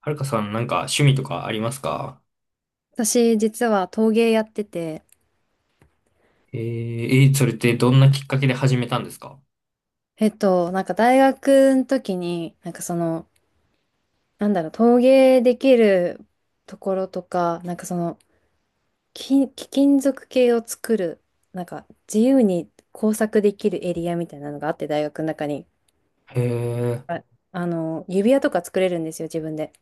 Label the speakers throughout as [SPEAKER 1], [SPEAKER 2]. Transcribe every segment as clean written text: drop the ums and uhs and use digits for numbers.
[SPEAKER 1] はるかさん、なんか趣味とかありますか？
[SPEAKER 2] 私、実は陶芸やってて、
[SPEAKER 1] えー、それってどんなきっかけで始めたんですか？
[SPEAKER 2] 大学の時に、陶芸できるところとか、貴貴金属系を作る、なんか自由に工作できるエリアみたいなのがあって、大学の中に。
[SPEAKER 1] へえ。
[SPEAKER 2] あ、指輪とか作れるんですよ、自分で。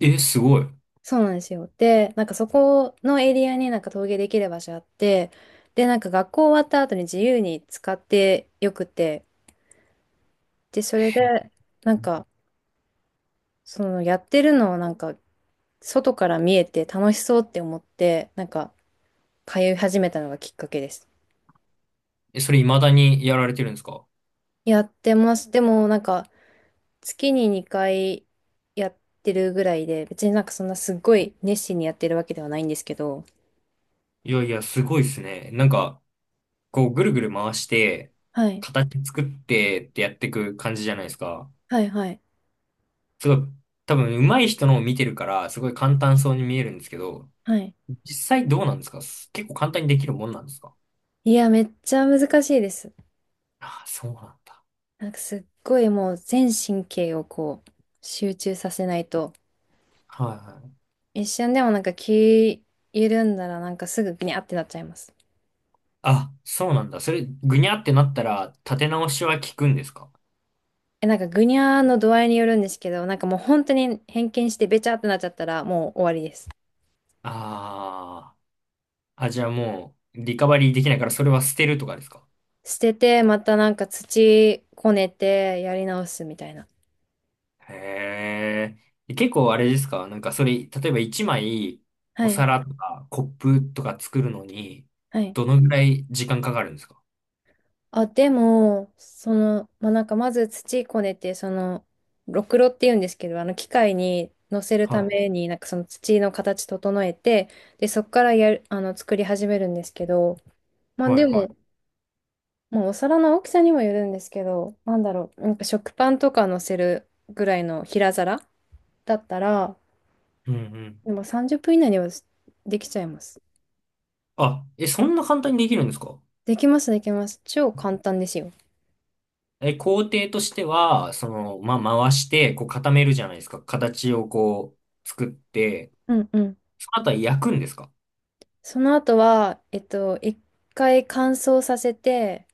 [SPEAKER 1] え、すごい。
[SPEAKER 2] そうなんですよ。で、なんかそこのエリアになんか陶芸できる場所あって、で、なんか学校終わった後に自由に使ってよくて、で、それで、なんか、そのやってるのをなんか外から見えて楽しそうって思ってなんか通い始めたのがきっかけです。
[SPEAKER 1] え、それ未だにやられてるんですか？
[SPEAKER 2] やってます。でもなんか月に2回やってるぐらいで別になんかそんなすっごい熱心にやってるわけではないんですけど。
[SPEAKER 1] いやいや、すごいですね。なんか、こう、ぐるぐる回して、
[SPEAKER 2] はい。
[SPEAKER 1] 形作ってってやっていく感じじゃないですか。
[SPEAKER 2] はいはい
[SPEAKER 1] すごい、多分、上手い人のを見てるから、すごい簡単そうに見えるんですけど、
[SPEAKER 2] はい。
[SPEAKER 1] 実際どうなんですか？結構簡単にできるもんなんですか？
[SPEAKER 2] いや、めっちゃ難しいです。
[SPEAKER 1] ああ、そうなんだ。
[SPEAKER 2] なんかすっごいもう全神経をこう集中させないと
[SPEAKER 1] はいはい。
[SPEAKER 2] 一瞬でもなんか気緩んだらなんかすぐギャーってなっちゃいます。
[SPEAKER 1] あ、そうなんだ。それ、ぐにゃってなったら、立て直しは効くんですか？
[SPEAKER 2] え、なんか、ぐにゃーの度合いによるんですけど、なんかもう本当に偏見してべちゃってなっちゃったら、もう終わりです。
[SPEAKER 1] あーあ、じゃあもう、リカバリーできないから、それは捨てるとかですか？
[SPEAKER 2] 捨てて、またなんか土こねて、やり直すみたいな。
[SPEAKER 1] へえ。結構あれですか？なんかそれ、例えば1枚、
[SPEAKER 2] は
[SPEAKER 1] お
[SPEAKER 2] い。
[SPEAKER 1] 皿とかコップとか作るのに、
[SPEAKER 2] はい。
[SPEAKER 1] どのぐらい時間かかるんですか？
[SPEAKER 2] あ、でも、なんかまず土こねて、その、ろくろって言うんですけど、あの機械に乗せる
[SPEAKER 1] は
[SPEAKER 2] た
[SPEAKER 1] い、
[SPEAKER 2] めに、なんかその土の形整えて、で、そこからやる、あの、作り始めるんですけど、まあ
[SPEAKER 1] はい、
[SPEAKER 2] で
[SPEAKER 1] はい。
[SPEAKER 2] も、まあ、お皿の大きさにもよるんですけど、なんだろう、なんか食パンとか乗せるぐらいの平皿だったら、
[SPEAKER 1] うんうん。
[SPEAKER 2] でも30分以内にはできちゃいます。
[SPEAKER 1] あ、え、そんな簡単にできるんですか？
[SPEAKER 2] できます、できます。超簡単ですよ。
[SPEAKER 1] え、工程としては、その、まあ、回して、こう固めるじゃないですか。形をこう、作って、
[SPEAKER 2] うんうん。
[SPEAKER 1] その後は焼くんですか？
[SPEAKER 2] その後は、一回乾燥させて、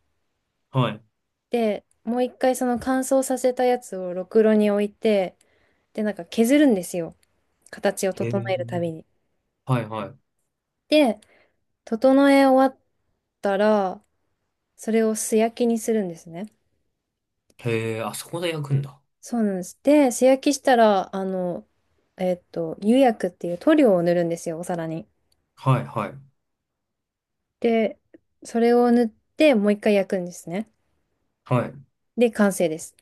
[SPEAKER 1] はい。
[SPEAKER 2] で、もう一回その乾燥させたやつをろくろに置いて、で、なんか削るんですよ。形を
[SPEAKER 1] へ
[SPEAKER 2] 整えるたび
[SPEAKER 1] え。
[SPEAKER 2] に。
[SPEAKER 1] はいはい。
[SPEAKER 2] で、整え終わったら、それを素焼きにするんですね。
[SPEAKER 1] へえ、あそこで焼くんだ。
[SPEAKER 2] そうなんです。で、素焼きしたら、釉薬っていう塗料を塗るんですよ、お皿に。
[SPEAKER 1] はいはい。
[SPEAKER 2] で、それを塗ってもう一回焼くんですね。
[SPEAKER 1] はい。
[SPEAKER 2] で、完成です。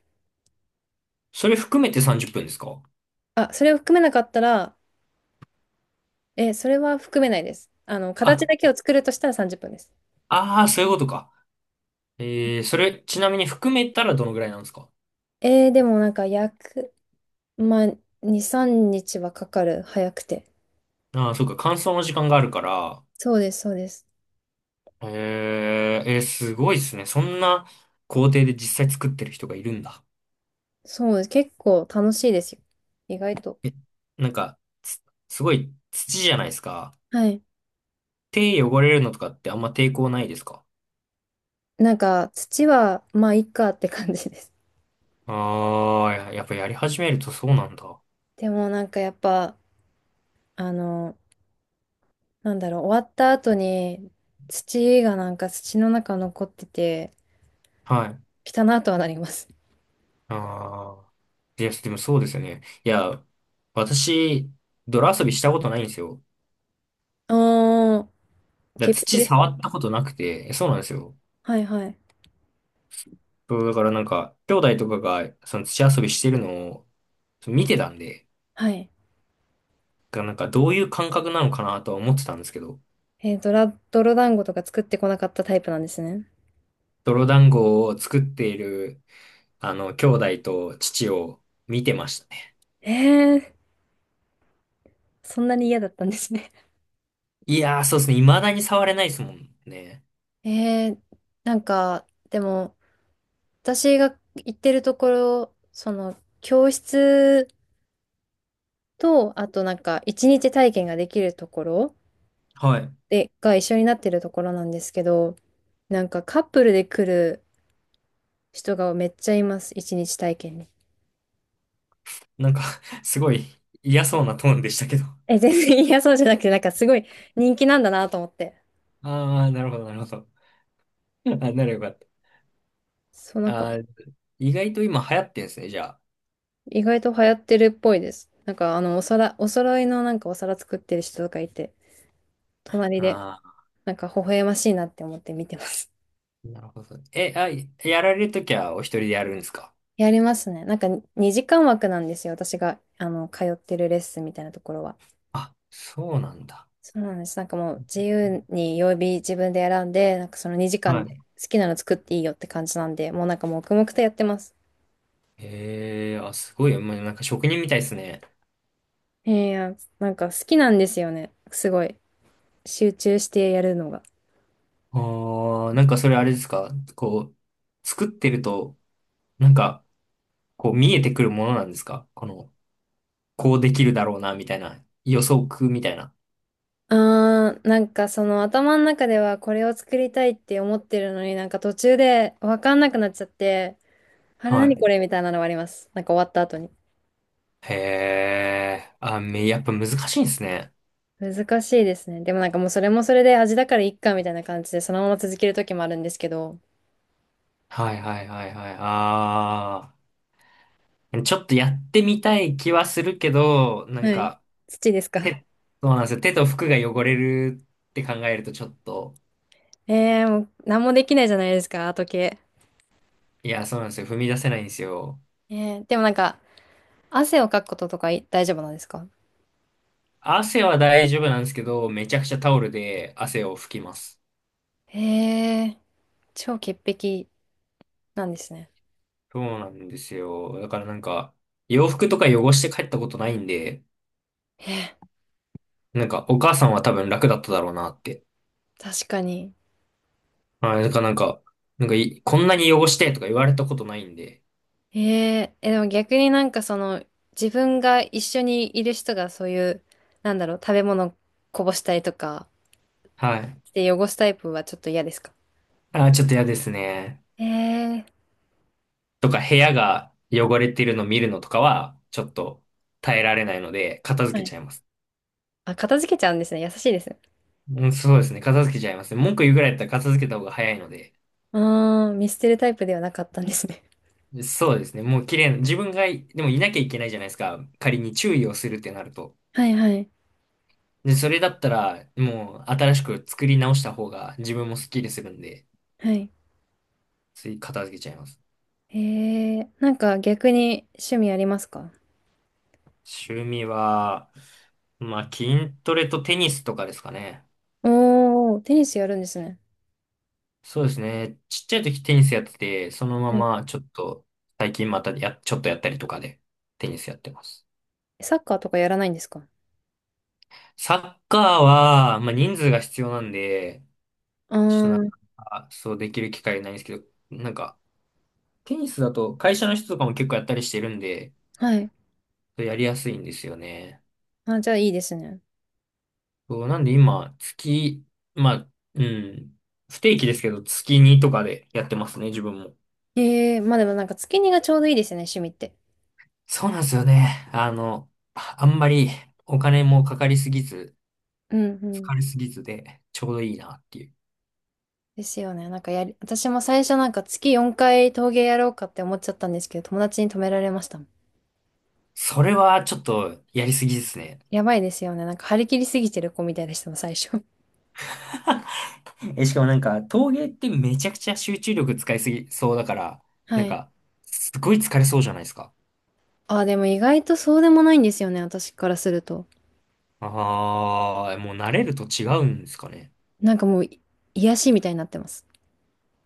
[SPEAKER 1] それ含めて30分ですか？
[SPEAKER 2] あ、それを含めなかったら、え、それは含めないです。あの、
[SPEAKER 1] あ、
[SPEAKER 2] 形だけを作るとしたら30分です。
[SPEAKER 1] ああ、そういうことか。それ、ちなみに含めたらどのぐらいなんですか？
[SPEAKER 2] でもなんか焼く、まあ、2、3日はかかる、早くて。
[SPEAKER 1] ああー、そうか、乾燥の時間があるから。
[SPEAKER 2] そうです、そうです。
[SPEAKER 1] すごいですね。そんな工程で実際作ってる人がいるんだ。
[SPEAKER 2] そうです。結構楽しいですよ。意外と。
[SPEAKER 1] え、なんか、すごい土じゃないですか。
[SPEAKER 2] はい。
[SPEAKER 1] 手汚れるのとかってあんま抵抗ないですか？
[SPEAKER 2] なんか、土は、まあ、いっかって感じです。
[SPEAKER 1] ああー、やっぱやり始めるとそうなんだ。
[SPEAKER 2] でもなんかやっぱ、あの、なんだろう、終わった後に土がなんか土の中残ってて、
[SPEAKER 1] はい。
[SPEAKER 2] 汚なとはなります。
[SPEAKER 1] ああ。いや、でもそうですよね。いや、私、泥遊びしたことないんですよ。
[SPEAKER 2] おー、
[SPEAKER 1] だから
[SPEAKER 2] 潔癖
[SPEAKER 1] 土
[SPEAKER 2] です
[SPEAKER 1] 触
[SPEAKER 2] か？
[SPEAKER 1] ったことなくて、そうなんですよ。
[SPEAKER 2] はいはい。
[SPEAKER 1] そうだからなんか、兄弟とかが、その土遊びしてるのを、そう見てたんで、
[SPEAKER 2] はい。
[SPEAKER 1] なんかどういう感覚なのかなとは思ってたんですけど、
[SPEAKER 2] ドラ、泥団子とか作ってこなかったタイプなんですね。
[SPEAKER 1] 泥団子を作っている、あの、兄弟と父を見てましたね。
[SPEAKER 2] えー、そんなに嫌だったんですね。
[SPEAKER 1] いやー、そうですね。未だに触れないですもんね。
[SPEAKER 2] えー、なんか、でも、私が行ってるところ、その、教室と、あとなんか、一日体験ができるところ、
[SPEAKER 1] はい。
[SPEAKER 2] で、が一緒になってるところなんですけど、なんかカップルで来る人がめっちゃいます。一日体験に。
[SPEAKER 1] なんか すごい嫌そうなトーンでしたけど。
[SPEAKER 2] え、全然嫌そうじゃなくて、なんかすごい人気なんだなと思って。
[SPEAKER 1] ああ、なるほど、なるほど。あ、ならよかった。
[SPEAKER 2] そう、なんか
[SPEAKER 1] あー、意外と今流行ってんですね、じゃ
[SPEAKER 2] 意外と流行ってるっぽいです。なんかあの、お皿、お揃いのなんかお皿作ってる人とかいて、隣で
[SPEAKER 1] あ。あ
[SPEAKER 2] なんか微笑ましいなって思って見てます。
[SPEAKER 1] あ、なるほど。え、あ、やられるときはお一人でやるんですか？
[SPEAKER 2] やりますね。なんか2時間枠なんですよ。私があの、通ってるレッスンみたいなところは。
[SPEAKER 1] あ、そうなんだ。
[SPEAKER 2] そうなんです。なんかもう自由に曜日自分で選んで、なんかその2時間で
[SPEAKER 1] は
[SPEAKER 2] 好きなの作っていいよって感じなんで、もうなんか黙々とやってます。
[SPEAKER 1] い。へえ、あ、すごい。まあ、なんか職人みたいですね。
[SPEAKER 2] いやなんか好きなんですよね。すごい。集中してやるのが。
[SPEAKER 1] ああ、なんかそれあれですか？こう、作ってると、なんか、こう見えてくるものなんですか？この、こうできるだろうな、みたいな。予測みたいな。
[SPEAKER 2] あー、なんかその頭の中ではこれを作りたいって思ってるのになんか途中でわかんなくなっちゃって、あれ
[SPEAKER 1] は
[SPEAKER 2] 何
[SPEAKER 1] い。
[SPEAKER 2] これみたいなのがあります。なんか終わった後に。
[SPEAKER 1] へえ、あ、やっぱ難しいんですね。
[SPEAKER 2] 難しいですね。でもなんかもうそれもそれで味だからいっかみたいな感じでそのまま続ける時もあるんですけど。
[SPEAKER 1] はいはいはいはい。ああ。ちょっとやってみたい気はするけど、なん
[SPEAKER 2] はい。
[SPEAKER 1] か、
[SPEAKER 2] 土ですか？
[SPEAKER 1] 手、そうなんですよ。手と服が汚れるって考えるとちょっと、
[SPEAKER 2] もう何もできないじゃないですか、時計。
[SPEAKER 1] いや、そうなんですよ。踏み出せないんですよ。
[SPEAKER 2] えー、でもなんか、汗をかくこととかい大丈夫なんですか？
[SPEAKER 1] 汗は大丈夫なんですけど、めちゃくちゃタオルで汗を拭きます。
[SPEAKER 2] えー、超潔癖なんですね。
[SPEAKER 1] そうなんですよ。だからなんか、洋服とか汚して帰ったことないんで、
[SPEAKER 2] えー、
[SPEAKER 1] なんか、お母さんは多分楽だっただろうなって。
[SPEAKER 2] 確かに。
[SPEAKER 1] はい。だからなんか、なんかい、こんなに汚してとか言われたことないんで、
[SPEAKER 2] えでも逆になんかその、自分が一緒にいる人がそういう、なんだろう、食べ物こぼしたりとか、
[SPEAKER 1] はい。
[SPEAKER 2] で汚すタイプはちょっと嫌ですか？
[SPEAKER 1] ああ、ちょっと嫌ですね。
[SPEAKER 2] えー、
[SPEAKER 1] とか部屋が汚れてるの見るのとかは、ちょっと耐えられないので、片
[SPEAKER 2] は
[SPEAKER 1] 付け
[SPEAKER 2] い。
[SPEAKER 1] ちゃいます。
[SPEAKER 2] あ、片付けちゃうんですね。優しいですね。
[SPEAKER 1] うん、そうですね。片付けちゃいますね。文句言うぐらいだったら片付けた方が早いので。
[SPEAKER 2] あー、見捨てるタイプではなかったんですね。
[SPEAKER 1] そうですね。もう綺麗な、自分がい、でもいなきゃいけないじゃないですか。仮に注意をするってなると。
[SPEAKER 2] はいはい。
[SPEAKER 1] で、それだったら、もう新しく作り直した方が自分もスッキリするんで、
[SPEAKER 2] はい。
[SPEAKER 1] つい片付けちゃいます。
[SPEAKER 2] へえ、なんか逆に趣味ありますか？
[SPEAKER 1] 趣味は、まあ、筋トレとテニスとかですかね。
[SPEAKER 2] おー、テニスやるんですね。
[SPEAKER 1] そうですね。ちっちゃい時テニスやってて、そのま
[SPEAKER 2] え、
[SPEAKER 1] まちょっと、最近またちょっとやったりとかで、テニスやってます。
[SPEAKER 2] サッカーとかやらないんですか？
[SPEAKER 1] サッカーは、まあ、人数が必要なんで、
[SPEAKER 2] あ
[SPEAKER 1] ちょっとなん
[SPEAKER 2] ー、
[SPEAKER 1] か、そうできる機会ないんですけど、なんか、テニスだと会社の人とかも結構やったりしてるんで、
[SPEAKER 2] はい。
[SPEAKER 1] やりやすいんですよね。
[SPEAKER 2] あ、じゃあいいですね。
[SPEAKER 1] そう、なんで今、まあ、うん、不定期ですけど、月2とかでやってますね、自分も。
[SPEAKER 2] ええ、まあでもなんか月にがちょうどいいですよね、趣味って。
[SPEAKER 1] そうなんですよね。あの、あんまりお金もかかりすぎず、
[SPEAKER 2] うんうん。
[SPEAKER 1] 疲れすぎずで、ちょうどいいなっていう。
[SPEAKER 2] ですよね。なんかやり、私も最初なんか月4回陶芸やろうかって思っちゃったんですけど、友達に止められました。
[SPEAKER 1] それはちょっとやりすぎですね。
[SPEAKER 2] やばいですよね。なんか張り切りすぎてる子みたいでしたもん、最初。
[SPEAKER 1] え、しかもなんか、陶芸ってめちゃくちゃ集中力使いすぎそうだから、な
[SPEAKER 2] は
[SPEAKER 1] ん
[SPEAKER 2] い。
[SPEAKER 1] か、すごい疲れそうじゃないですか。
[SPEAKER 2] あ、でも意外とそうでもないんですよね、私からすると。
[SPEAKER 1] ああ、もう慣れると違うんですかね。
[SPEAKER 2] なんかもう癒しみたいになってます。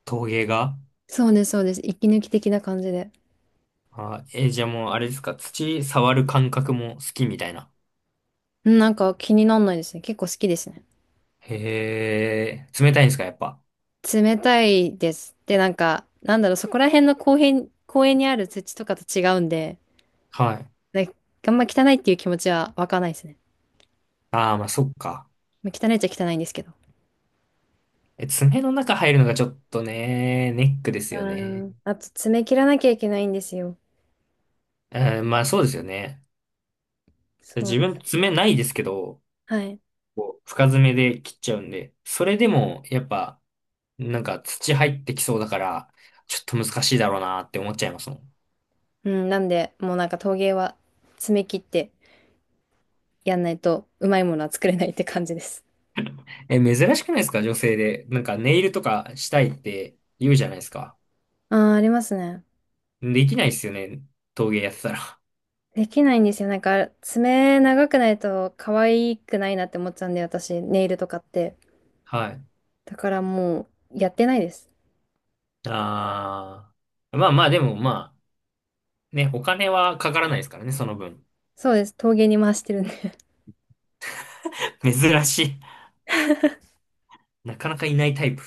[SPEAKER 1] 陶芸が。
[SPEAKER 2] そうです、そうです。息抜き的な感じで。
[SPEAKER 1] あー、え、じゃあもうあれですか、土触る感覚も好きみたいな。
[SPEAKER 2] うんなんか気になんないですね。結構好きですね。
[SPEAKER 1] へえ、冷たいんですか、やっぱ。
[SPEAKER 2] 冷たいです。で、なんか、なんだろう、そこら辺の公園、公園にある土とかと違うんで、
[SPEAKER 1] はい。
[SPEAKER 2] なんかあんま汚いっていう気持ちは湧かないですね。
[SPEAKER 1] ああ、まあそっか。
[SPEAKER 2] まあ汚いっちゃ汚いんですけど。
[SPEAKER 1] え、爪の中入るのがちょっとね、ネックです
[SPEAKER 2] あ
[SPEAKER 1] よね。
[SPEAKER 2] ーあと、爪切らなきゃいけないんですよ。
[SPEAKER 1] うん、まあそうですよね。
[SPEAKER 2] そう。
[SPEAKER 1] 自分爪ないですけど、
[SPEAKER 2] はい。
[SPEAKER 1] こう深爪で切っちゃうんで、それでもやっぱなんか土入ってきそうだから、ちょっと難しいだろうなって思っちゃいますもん。
[SPEAKER 2] うん、なんで、もうなんか陶芸は爪切ってやんないとうまいものは作れないって感じです。
[SPEAKER 1] え、珍しくないですか？女性で。なんかネイルとかしたいって言うじゃないですか。
[SPEAKER 2] ああ、ありますね。
[SPEAKER 1] できないですよね。陶芸やってたら。
[SPEAKER 2] できないんですよ。なんか、爪長くないと可愛くないなって思っちゃうんで、私、ネイルとかって。
[SPEAKER 1] はい。
[SPEAKER 2] だからもう、やってないです。
[SPEAKER 1] あー。まあまあでもまあ、ね、お金はかからないですからね、その分。
[SPEAKER 2] そうです。陶芸に回してるんで。
[SPEAKER 1] 珍しい。なかなかいないタイプ。